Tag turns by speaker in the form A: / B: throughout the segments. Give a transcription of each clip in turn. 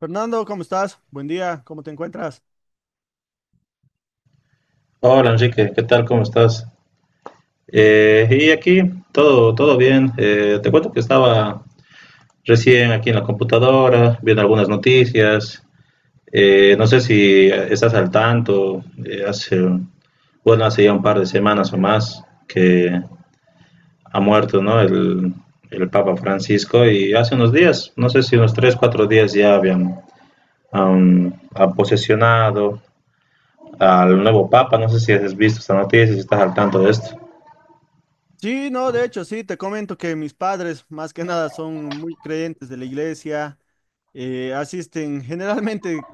A: Fernando, ¿cómo estás? Buen día, ¿cómo te encuentras?
B: Hola Enrique, ¿qué tal? ¿Cómo estás? Y aquí todo bien. Te cuento que estaba recién aquí en la computadora viendo algunas noticias. No sé si estás al tanto. Bueno, hace ya un par de semanas o más que ha muerto, ¿no? El Papa Francisco, y hace unos días, no sé si unos tres, cuatro días, ya han posesionado al nuevo Papa. No sé si has visto esta noticia, si estás al tanto de esto.
A: Sí, no, de hecho, sí, te comento que mis padres, más que nada, son muy creyentes de la iglesia, asisten generalmente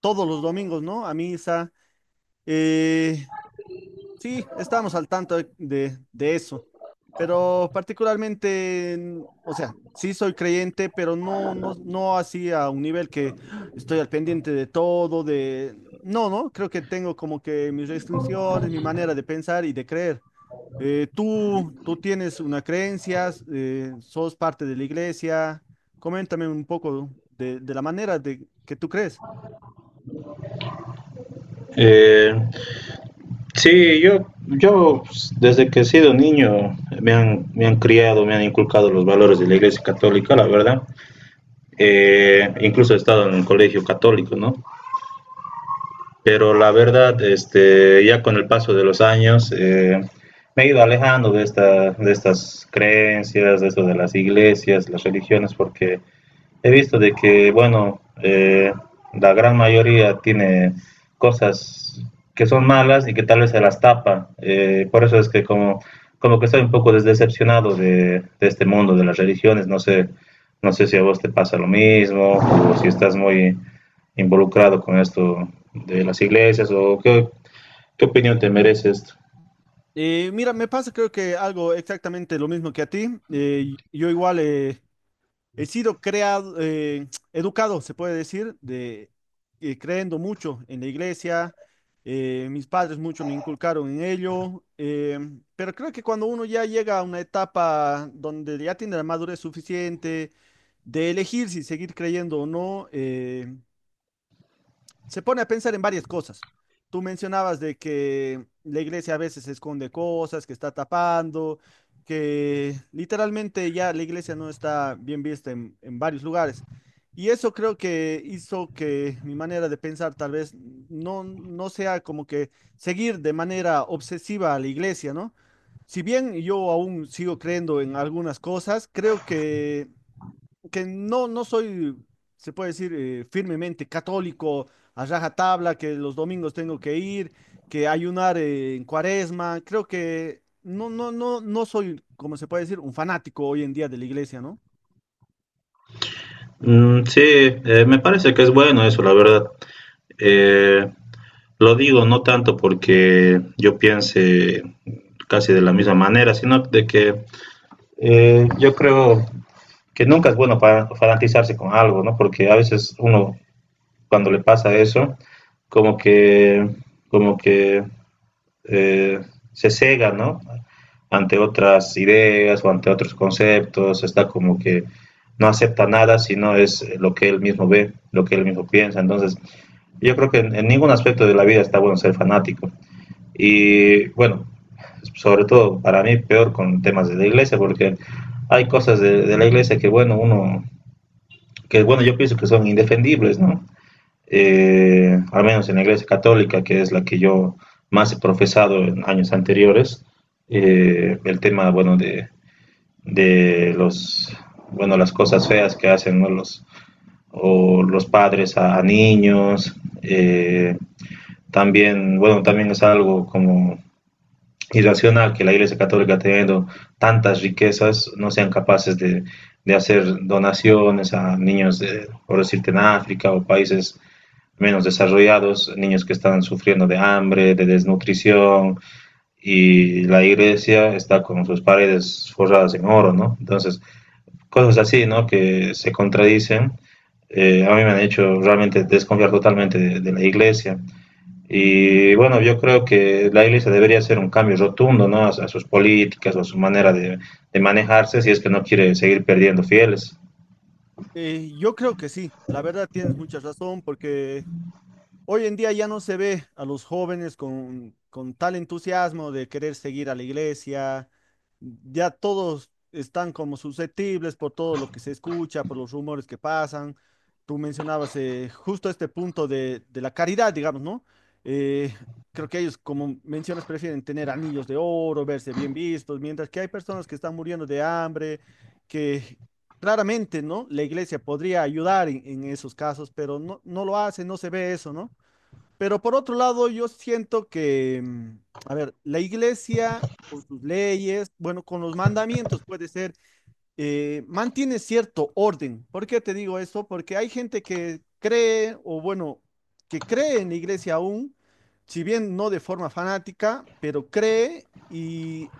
A: todos los domingos, ¿no? A misa. eh, sí, estamos al tanto de, de eso, pero particularmente, mm, o sea, sí soy creyente, pero no, no, no así a un nivel que ¡ah! Estoy al pendiente de todo, No, no, creo que tengo como que mis restricciones, mi manera de pensar y de creer. Tú tienes una creencia, sos parte de la iglesia. Coméntame un poco de la manera de que tú crees.
B: Eh, Sí, yo pues, desde que he sido niño me han criado, me han inculcado los valores de la Iglesia Católica, la verdad. Incluso he estado en un colegio católico, ¿no? Pero la verdad, este, ya con el paso de los años, me he ido alejando de estas creencias, de eso de las iglesias, las religiones, porque he visto de que, bueno, la gran mayoría tiene cosas que son malas y que tal vez se las tapa. Por eso es como que estoy un poco decepcionado de este mundo de las religiones. No sé si a vos te pasa lo mismo o si estás muy involucrado con esto de las qué opinión te merece esto.
A: Mira, me pasa creo que algo exactamente lo mismo que a ti. Yo igual he sido creado, educado, se puede decir, creyendo mucho en la iglesia. Mis padres mucho me inculcaron en ello, pero creo que cuando uno ya llega a una etapa donde ya tiene la madurez suficiente de elegir si seguir creyendo o no, se pone a pensar en varias cosas. Tú mencionabas de que la iglesia a veces esconde cosas, que está tapando, que literalmente ya la iglesia no está bien vista en varios lugares. Y eso creo que hizo que mi manera de pensar tal vez no, no sea como que seguir de manera obsesiva a la iglesia, ¿no? Si bien yo aún sigo creyendo en algunas cosas, creo que no, no soy, se puede decir, firmemente católico, a rajatabla, que los domingos tengo que ir, que ayunar en cuaresma. Creo que no, no, no, no soy, como se puede decir, un fanático hoy en día de la iglesia, ¿no?
B: Mm, sí, me parece que es bueno eso, la verdad. Eh, Lo digo no tanto porque yo piense casi de la misma manera, sino de que yo creo que nunca es bueno para fanatizarse con algo, ¿no? Porque a veces uno, cuando le pasa eso, como que, como que eh, se cega, ¿no? Ante otras ideas o ante otros conceptos, está como que no acepta nada sino es lo que él mismo ve, lo que él mismo piensa. Entonces, yo creo que en ningún aspecto de la vida está bueno ser fanático. Y bueno, sobre todo para mí peor con temas de la iglesia, porque hay cosas de la iglesia que bueno, yo pienso que son indefendibles, ¿no? Al menos en la iglesia católica, que es la que yo más he profesado en años anteriores, el tema, bueno, de las cosas feas que hacen, ¿no?, los padres a niños. Eh, también, bueno, también es algo como irracional que la Iglesia Católica, teniendo tantas riquezas, no sean capaces de hacer donaciones a niños, de, por decirte, en África o países menos desarrollados, niños que están sufriendo de hambre, de desnutrición, y la iglesia está con sus paredes forradas en oro, ¿no? Entonces, cosas así, ¿no? Que se contradicen, a mí me han hecho realmente desconfiar totalmente de la iglesia. Y bueno, yo creo que la Iglesia debería hacer un cambio rotundo, ¿no?, a sus políticas o a su manera de manejarse, si es que no quiere seguir perdiendo fieles.
A: Yo creo que sí, la verdad tienes mucha razón, porque hoy en día ya no se ve a los jóvenes con tal entusiasmo de querer seguir a la iglesia. Ya todos están como susceptibles por todo lo que se escucha, por los rumores que pasan. Tú mencionabas justo este punto de la caridad, digamos, ¿no? Eh, Creo que ellos, como mencionas, prefieren tener anillos de oro, verse bien vistos, mientras que hay personas que están muriendo de hambre, que claramente, ¿no? La iglesia podría ayudar en esos casos, pero no, no lo hace, no se ve eso, ¿no? Pero por otro lado, yo siento que, mm, a ver, la iglesia con sus leyes, bueno, con los mandamientos puede ser, mantiene cierto orden. ¿Por qué te digo eso? Porque hay gente que cree, o bueno, que cree en la iglesia aún, si bien no de forma fanática, pero cree y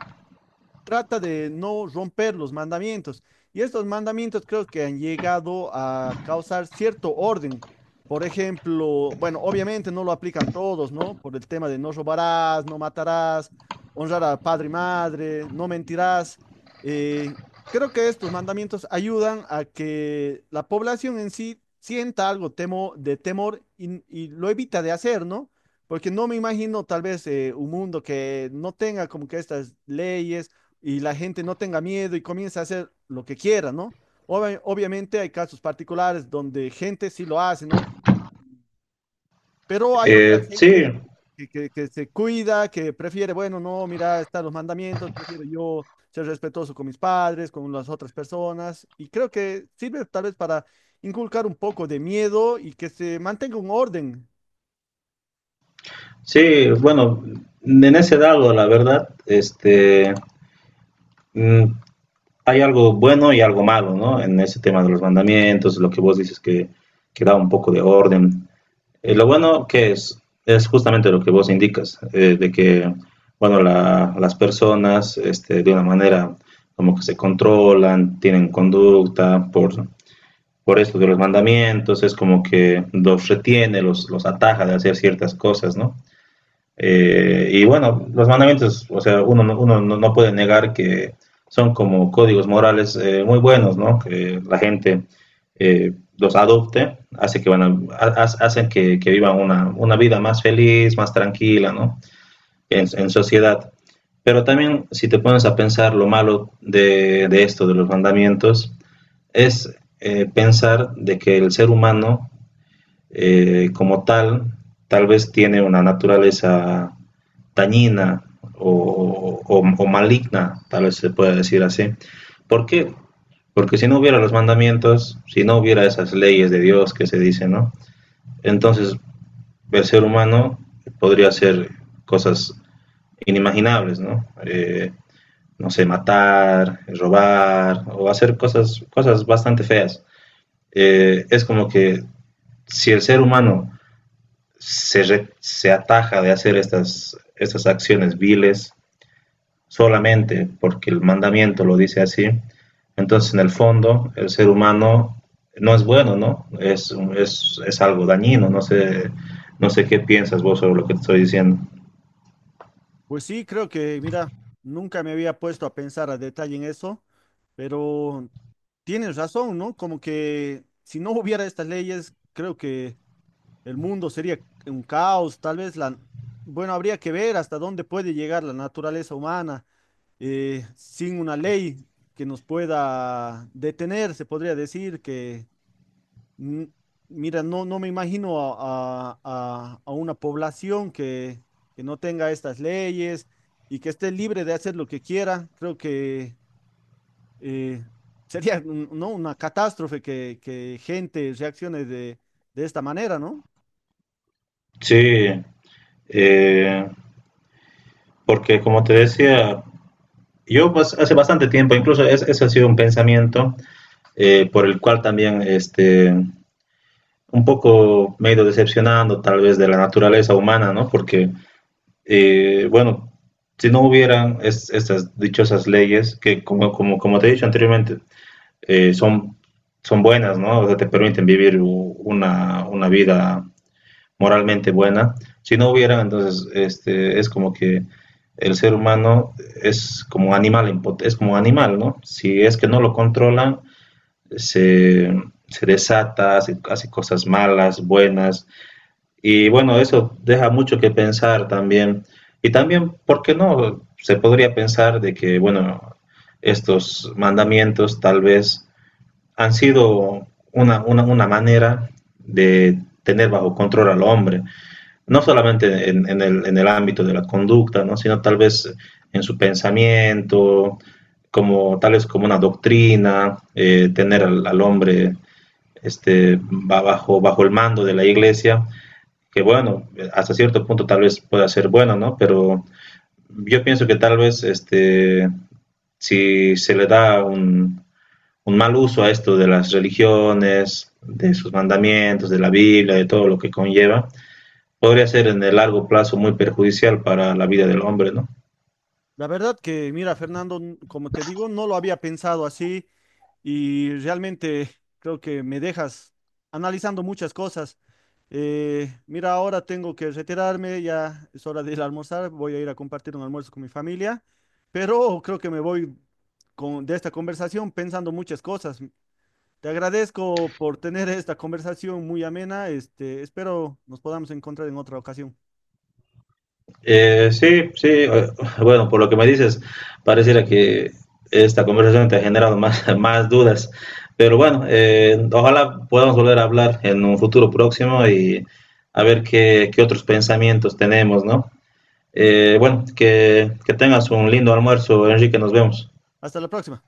A: trata de no romper los mandamientos. Y estos mandamientos creo que han llegado a causar cierto orden. Por ejemplo, bueno, obviamente no lo aplican todos, ¿no? Por el tema de no robarás, no matarás, honrar a padre y madre, no mentirás. Eh, Creo que estos mandamientos ayudan a que la población en sí sienta algo temo, de temor y lo evita de hacer, ¿no? Porque no me imagino tal vez un mundo que no tenga como que estas leyes y la gente no tenga miedo y comience a hacer lo que quiera, ¿no? Obviamente hay casos particulares donde gente sí lo hace, ¿no? Pero hay otra
B: Sí,
A: gente que, que se cuida, que prefiere, bueno, no, mira, están los mandamientos, prefiero yo ser respetuoso con mis padres, con las otras personas, y creo que sirve tal vez para inculcar un poco de miedo y que se mantenga un orden.
B: sí, bueno, en ese lado, la verdad, este, mm, hay algo bueno y algo malo, ¿no?, en ese tema de los mandamientos, lo que vos dices, que da un poco de orden. Lo bueno que es justamente lo que vos indicas, de que, bueno, las personas, este, de una manera como que se controlan, tienen conducta por esto de los mandamientos, es como que los retiene, los ataja de hacer ciertas cosas, ¿no? Y bueno, los mandamientos, o sea, uno no, no puede negar que son como códigos morales, muy buenos, ¿no? Que la gente, eh, los adopte, hace que hacen que vivan una vida más feliz, más tranquila, ¿no? En sociedad. Pero también, si te pones a pensar lo malo de esto, de los mandamientos, es, pensar de que el ser humano, como tal, tal vez tiene una naturaleza dañina o maligna, tal vez se puede decir así. ¿Por qué? Porque si no hubiera los mandamientos, si no hubiera esas leyes de Dios que se dicen, ¿no? Entonces el ser humano podría hacer cosas inimaginables, ¿no? No sé, matar, robar o hacer cosas bastante feas. Es como que si el ser humano se ataja de hacer estas acciones viles, solamente porque el mandamiento lo dice así, entonces en el fondo el ser humano no es bueno, ¿no? Es algo dañino, no sé qué piensas vos sobre lo que te estoy diciendo.
A: Pues sí, creo que, mira, nunca me había puesto a pensar a detalle en eso, pero tienes razón, ¿no? Como que si no hubiera estas leyes, creo que el mundo sería un caos, tal vez bueno, habría que ver hasta dónde puede llegar la naturaleza humana sin una ley que nos pueda detener, se podría decir que Mm, mira, no, no me imagino a, a una población que no tenga estas leyes y que esté libre de hacer lo que quiera. Creo que eh, sería ¿no? una catástrofe que gente reaccione de esta manera, ¿no?
B: Sí, eh, porque como te decía, yo pues, hace bastante tiempo, incluso ese ha sido un pensamiento, por el cual también, este, un poco me he ido decepcionando tal vez de la naturaleza humana, ¿no? Porque bueno, si no hubieran estas dichosas leyes que, como te he dicho anteriormente, son, son buenas, ¿no? O sea, te permiten vivir una vida moralmente buena. Si no hubieran, entonces este, es como que el ser humano es como animal, es como animal, ¿no? Si es que no lo controlan, se, se desata, hace cosas malas, buenas, y bueno, eso deja mucho que pensar también. Y también, ¿por qué no? Se podría pensar de que, bueno, estos mandamientos tal vez han sido una manera de tener bajo control al hombre, no solamente en el ámbito de la conducta, ¿no?, sino tal vez en su pensamiento, como tal vez como una doctrina, tener al hombre, este, bajo el mando de la iglesia, que bueno, hasta cierto punto tal vez pueda ser bueno, ¿no? Pero yo pienso que tal vez este, si se le da un mal uso a esto de las religiones, de sus mandamientos, de la Biblia, de todo lo que conlleva, podría ser en el largo plazo muy perjudicial para la vida del hombre, ¿no?
A: La verdad que, mira, Fernando, como te digo, no lo había pensado así. Y realmente creo que me dejas analizando muchas cosas. Mira, ahora tengo que retirarme, ya es hora de ir a almorzar, voy a ir a compartir un almuerzo con mi familia, pero creo que me voy con, de esta conversación pensando muchas cosas. Te agradezco por tener esta conversación muy amena, este, espero nos podamos encontrar en otra ocasión.
B: Sí, sí, bueno, por lo que me dices, pareciera que esta conversación te ha generado más, más dudas, pero bueno, ojalá podamos volver a hablar en un futuro próximo y a ver qué otros pensamientos tenemos, ¿no? Bueno, que tengas un lindo almuerzo, Enrique, nos vemos.
A: Hasta la próxima.